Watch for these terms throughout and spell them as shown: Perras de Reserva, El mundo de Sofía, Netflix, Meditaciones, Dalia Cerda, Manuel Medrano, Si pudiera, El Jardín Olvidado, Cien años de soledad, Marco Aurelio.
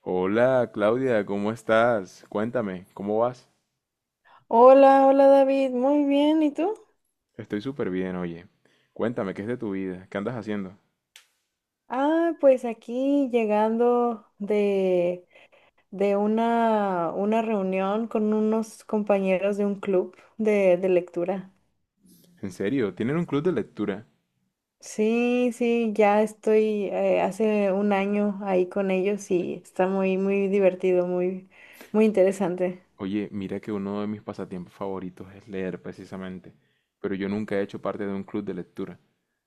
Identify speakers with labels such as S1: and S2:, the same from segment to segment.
S1: Hola Claudia, ¿cómo estás? Cuéntame, ¿cómo vas?
S2: Hola, hola David, muy bien, ¿y tú?
S1: Estoy súper bien, oye. Cuéntame, ¿qué es de tu vida? ¿Qué andas haciendo?
S2: Ah, pues aquí llegando de, de una reunión con unos compañeros de un club de lectura.
S1: ¿En serio? ¿Tienen un club de lectura?
S2: Sí, sí, ya estoy hace un año ahí con ellos y está muy, muy divertido, muy, muy interesante.
S1: Oye, mira que uno de mis pasatiempos favoritos es leer precisamente, pero yo nunca he hecho parte de un club de lectura.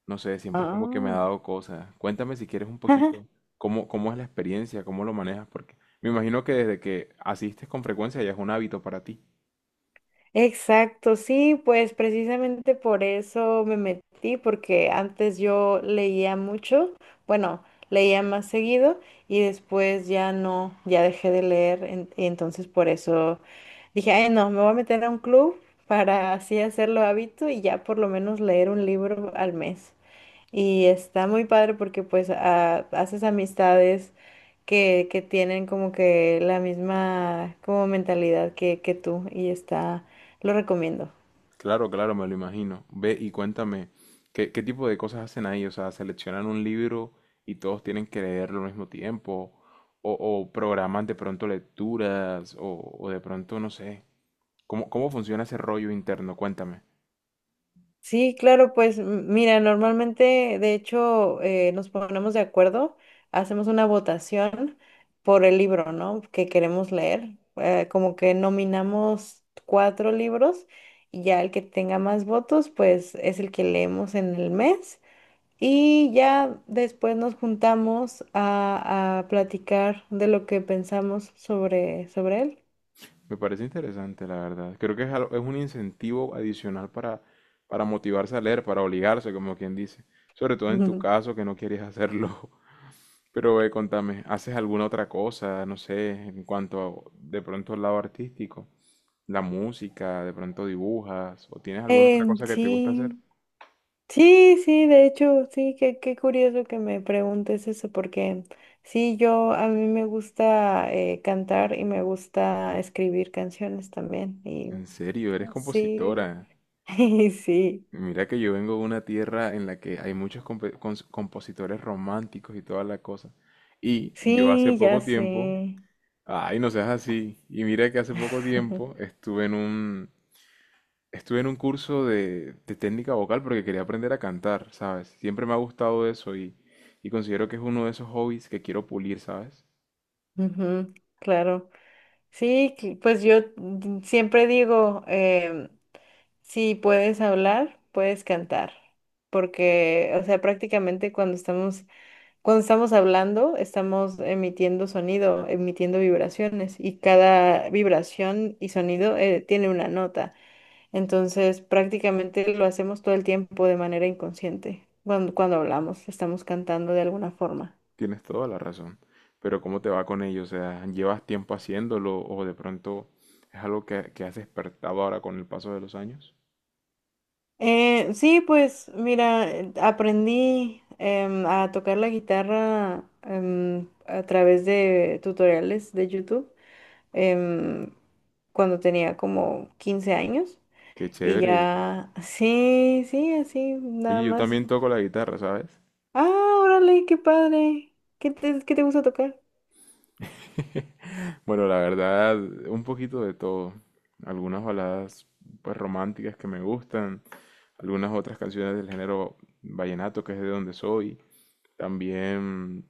S1: No sé, siempre es como que me ha
S2: Ah.
S1: dado cosas. Cuéntame si quieres un poquito, ¿cómo, cómo es la experiencia? ¿Cómo lo manejas? Porque me imagino que desde que asistes con frecuencia ya es un hábito para ti.
S2: Exacto, sí, pues precisamente por eso me metí, porque antes yo leía mucho, bueno, leía más seguido y después ya no, ya dejé de leer, y entonces por eso dije, ay no, me voy a meter a un club para así hacerlo hábito y ya por lo menos leer un libro al mes. Y está muy padre porque pues haces amistades que tienen como que la misma como mentalidad que tú y está, lo recomiendo.
S1: Claro, claro, me lo imagino. Ve y cuéntame, ¿qué, qué tipo de cosas hacen ahí? O sea, ¿seleccionan un libro y todos tienen que leerlo al mismo tiempo? O programan de pronto lecturas? O de pronto, no sé? ¿Cómo, cómo funciona ese rollo interno? Cuéntame.
S2: Sí, claro, pues mira, normalmente de hecho nos ponemos de acuerdo, hacemos una votación por el libro, ¿no? Que queremos leer, como que nominamos cuatro libros y ya el que tenga más votos pues es el que leemos en el mes. Y ya después nos juntamos a platicar de lo que pensamos sobre él.
S1: Me parece interesante, la verdad. Creo que es, es un incentivo adicional para motivarse a leer, para obligarse, como quien dice. Sobre todo en tu caso, que no quieres hacerlo. Pero ve, contame, ¿haces alguna otra cosa, no sé, en cuanto a, de pronto al lado artístico? ¿La música, de pronto dibujas, o tienes alguna otra
S2: Em,
S1: cosa que te gusta hacer?
S2: sí, sí, sí, de hecho, sí, qué curioso que me preguntes eso, porque sí, yo a mí me gusta cantar y me gusta escribir canciones también. Y
S1: ¿En serio, eres
S2: sí,
S1: compositora?
S2: sí,
S1: Mira que yo vengo de una tierra en la que hay muchos compositores románticos y toda la cosa. Y yo hace
S2: sí, ya
S1: poco tiempo,
S2: sé.
S1: ay, no seas así, y mira que hace poco tiempo estuve en un, estuve en un curso de técnica vocal porque quería aprender a cantar, ¿sabes? Siempre me ha gustado eso y considero que es uno de esos hobbies que quiero pulir, ¿sabes?
S2: Ujú, claro. Sí, pues yo siempre digo, si puedes hablar, puedes cantar, porque, o sea, prácticamente cuando estamos hablando, estamos emitiendo sonido, emitiendo vibraciones, y cada vibración y sonido, tiene una nota. Entonces, prácticamente lo hacemos todo el tiempo de manera inconsciente. Cuando hablamos, estamos cantando de alguna forma.
S1: Tienes toda la razón. Pero ¿cómo te va con ello? O sea, ¿llevas tiempo haciéndolo o de pronto es algo que has despertado ahora con el paso de los años?
S2: Sí, pues mira, aprendí a tocar la guitarra a través de tutoriales de YouTube, em, cuando tenía como 15 años
S1: Qué
S2: y
S1: chévere.
S2: ya, sí, sí, así, nada
S1: Oye, yo
S2: más.
S1: también toco la guitarra, ¿sabes?
S2: Ah, órale, qué padre. ¿Qué te gusta tocar?
S1: Bueno, la verdad, un poquito de todo. Algunas baladas pues románticas que me gustan, algunas otras canciones del género vallenato, que es de donde soy. También,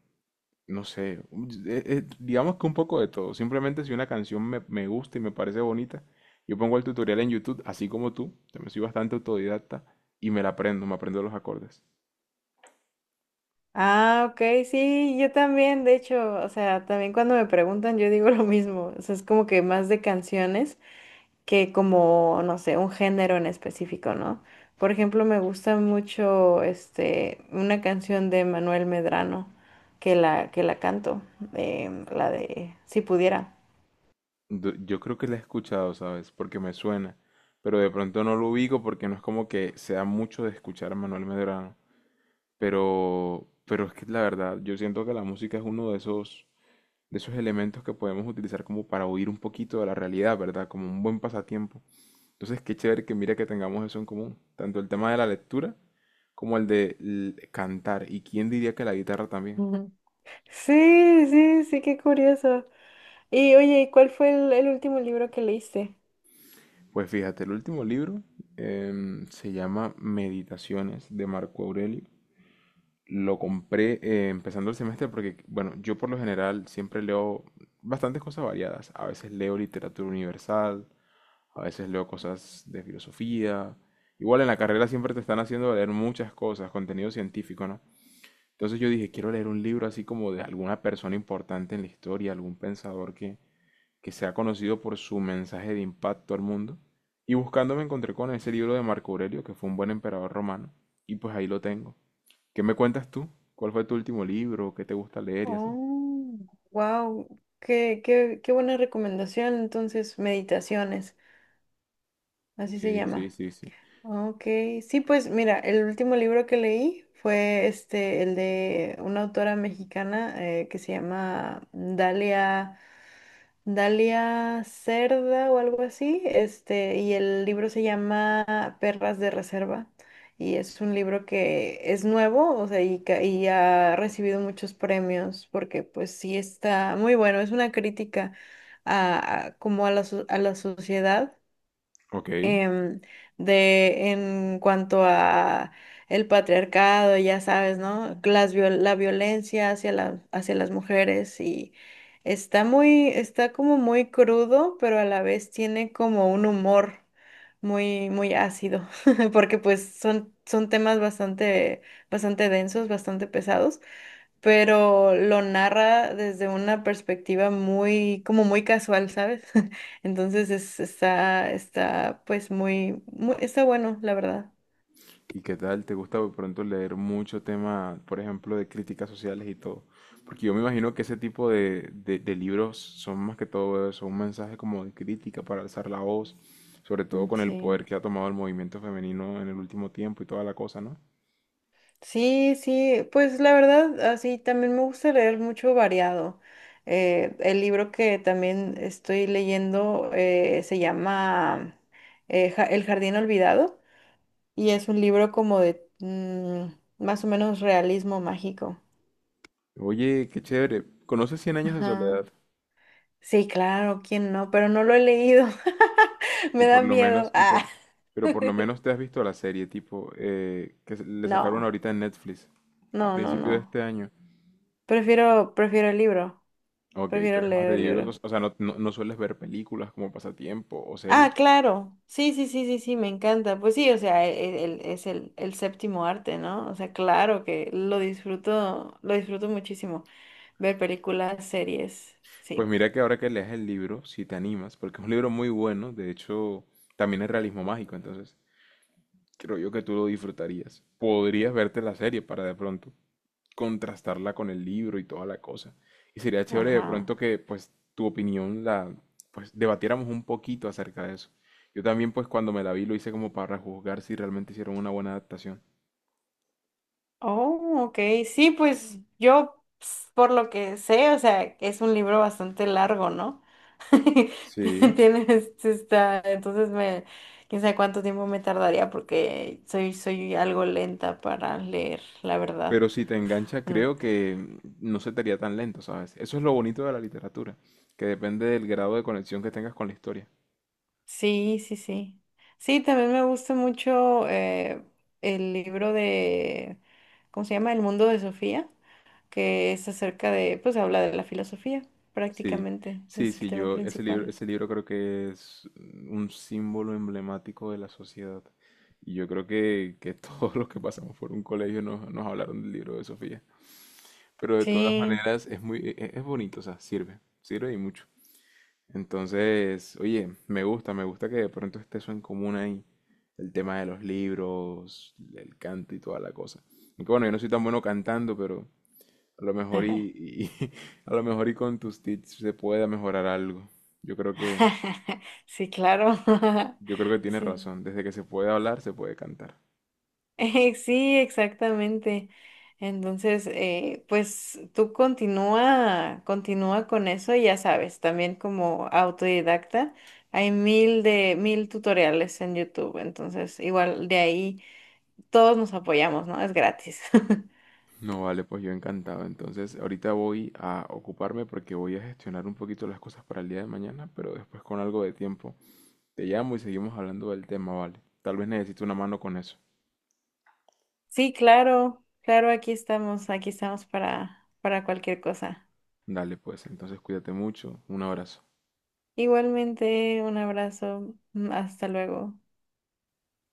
S1: no sé, digamos que un poco de todo. Simplemente si una canción me, me gusta y me parece bonita, yo pongo el tutorial en YouTube, así como tú, también soy bastante autodidacta y me la aprendo, me aprendo los acordes.
S2: Ah, ok, sí, yo también, de hecho, o sea, también cuando me preguntan yo digo lo mismo, o sea, es como que más de canciones. Que como, no sé, un género en específico, ¿no? Por ejemplo, me gusta mucho una canción de Manuel Medrano que la canto, la de Si pudiera.
S1: Yo creo que la he escuchado, ¿sabes? Porque me suena. Pero de pronto no lo ubico porque no es como que sea mucho de escuchar a Manuel Medrano. Pero es que la verdad, yo siento que la música es uno de esos elementos que podemos utilizar como para huir un poquito de la realidad, ¿verdad? Como un buen pasatiempo. Entonces, qué chévere que mira que tengamos eso en común. Tanto el tema de la lectura como el de cantar. ¿Y quién diría que la guitarra también?
S2: Ujú. Sí, sí, sí, qué curioso. Y oye, ¿y cuál fue el último libro que leíste?
S1: Pues fíjate, el último libro se llama Meditaciones de Marco Aurelio. Lo compré empezando el semestre porque, bueno, yo por lo general siempre leo bastantes cosas variadas. A veces leo literatura universal, a veces leo cosas de filosofía. Igual en la carrera siempre te están haciendo leer muchas cosas, contenido científico, ¿no? Entonces yo dije, quiero leer un libro así como de alguna persona importante en la historia, algún pensador que sea conocido por su mensaje de impacto al mundo. Y buscando me encontré con ese libro de Marco Aurelio, que fue un buen emperador romano, y pues ahí lo tengo. ¿Qué me cuentas tú? ¿Cuál fue tu último libro? ¿Qué te gusta leer y así?
S2: Oh, wow, qué buena recomendación. Entonces, Meditaciones, así se
S1: Sí, sí,
S2: llama.
S1: sí, sí.
S2: Ok, sí, pues mira, el último libro que leí fue este, el de una autora mexicana, que se llama Dalia Cerda o algo así, y el libro se llama Perras de Reserva, y es un libro que es nuevo, o sea, y ha recibido muchos premios, porque pues sí está muy bueno, es una crítica como a la a la sociedad,
S1: Ok.
S2: em, de en cuanto a el patriarcado, ya sabes, ¿no? Las la violencia hacia hacia las mujeres y está muy, está como muy crudo, pero a la vez tiene como un humor muy, muy ácido, porque pues son temas bastante, bastante densos, bastante pesados, pero lo narra desde una perspectiva muy, como muy casual, ¿sabes? Entonces está, pues muy, muy, está bueno, la verdad.
S1: ¿Y qué tal? ¿Te gusta de pronto leer mucho tema, por ejemplo, de críticas sociales y todo? Porque yo me imagino que ese tipo de, de libros son más que todo eso, un mensaje como de crítica para alzar la voz, sobre todo
S2: Mm,
S1: con el poder
S2: sí.
S1: que ha tomado el movimiento femenino en el último tiempo y toda la cosa, ¿no?
S2: Sí, sí, pues la verdad, así también me gusta leer mucho variado. El libro que también estoy leyendo, se llama, El Jardín Olvidado, y es un libro como de más o menos realismo mágico.
S1: Oye, qué chévere. ¿Conoces Cien años de
S2: Ajá.
S1: soledad?
S2: Sí, claro, ¿quién no? Pero no lo he leído.
S1: Y
S2: Me da
S1: por lo menos,
S2: miedo.
S1: y por,
S2: Ah.
S1: pero por lo menos te has visto la serie, tipo, le sacaron
S2: No,
S1: ahorita en Netflix, a
S2: no, no,
S1: principio de
S2: no.
S1: este año.
S2: Prefiero, prefiero el libro.
S1: Ok, tú
S2: Prefiero
S1: eres más
S2: leer
S1: de
S2: el libro.
S1: libros, o sea, no, no, no sueles ver películas como pasatiempo o series.
S2: Ah, claro. Sí, sí, sí, sí, sí, me encanta. Pues sí, o sea, es el séptimo arte, ¿no? O sea, claro que lo disfruto muchísimo. Ver películas, series,
S1: Pues
S2: sí.
S1: mira que ahora que lees el libro, si te animas, porque es un libro muy bueno, de hecho, también es realismo mágico, entonces creo yo que tú lo disfrutarías. Podrías verte la serie para de pronto contrastarla con el libro y toda la cosa. Y sería chévere de
S2: Ajá.
S1: pronto que pues tu opinión la pues debatiéramos un poquito acerca de eso. Yo también pues cuando me la vi lo hice como para juzgar si realmente hicieron una buena adaptación.
S2: Oh, ok. Sí, pues yo, por lo que sé, o sea, es un libro bastante largo, ¿no?
S1: Sí,
S2: Tienes, este, está, entonces me, quién sabe cuánto tiempo me tardaría porque soy algo lenta para leer, la verdad.
S1: pero si te engancha
S2: Mm.
S1: creo que no se te haría tan lento, ¿sabes? Eso es lo bonito de la literatura, que depende del grado de conexión que tengas con la historia.
S2: Sí, sí, sí. Sí, también me gusta mucho, el libro de, ¿cómo se llama? El mundo de Sofía, que es acerca de, pues habla de la filosofía,
S1: Sí,
S2: prácticamente,
S1: sí,
S2: es el
S1: sí,
S2: tema
S1: yo,
S2: principal.
S1: ese libro creo que es un símbolo emblemático de la sociedad. Y yo creo que todos los que pasamos por un colegio nos, nos hablaron del libro de Sofía. Pero de todas
S2: Sí.
S1: maneras es muy, es, bonito, o sea, sirve, sirve y mucho. Entonces, oye, me gusta que de pronto esté eso en común ahí. El tema de los libros, el canto y toda la cosa. Aunque bueno, yo no soy tan bueno cantando, pero, a lo mejor y, a lo mejor y con tus tips se pueda mejorar algo. Yo creo que,
S2: Sí, claro.
S1: yo creo que tienes
S2: Sí.
S1: razón. Desde que se puede hablar, se puede cantar.
S2: Sí, exactamente. Entonces, pues tú continúa, continúa con eso y ya sabes, también como autodidacta hay mil de mil tutoriales en YouTube, entonces igual de ahí todos nos apoyamos, ¿no? Es gratis.
S1: No, vale, pues yo encantado. Entonces, ahorita voy a ocuparme porque voy a gestionar un poquito las cosas para el día de mañana, pero después con algo de tiempo te llamo y seguimos hablando del tema, vale. Tal vez necesito una mano con eso.
S2: Sí, claro, claro, aquí estamos para cualquier cosa.
S1: Dale, pues, entonces cuídate mucho. Un abrazo.
S2: Igualmente, un abrazo, hasta luego.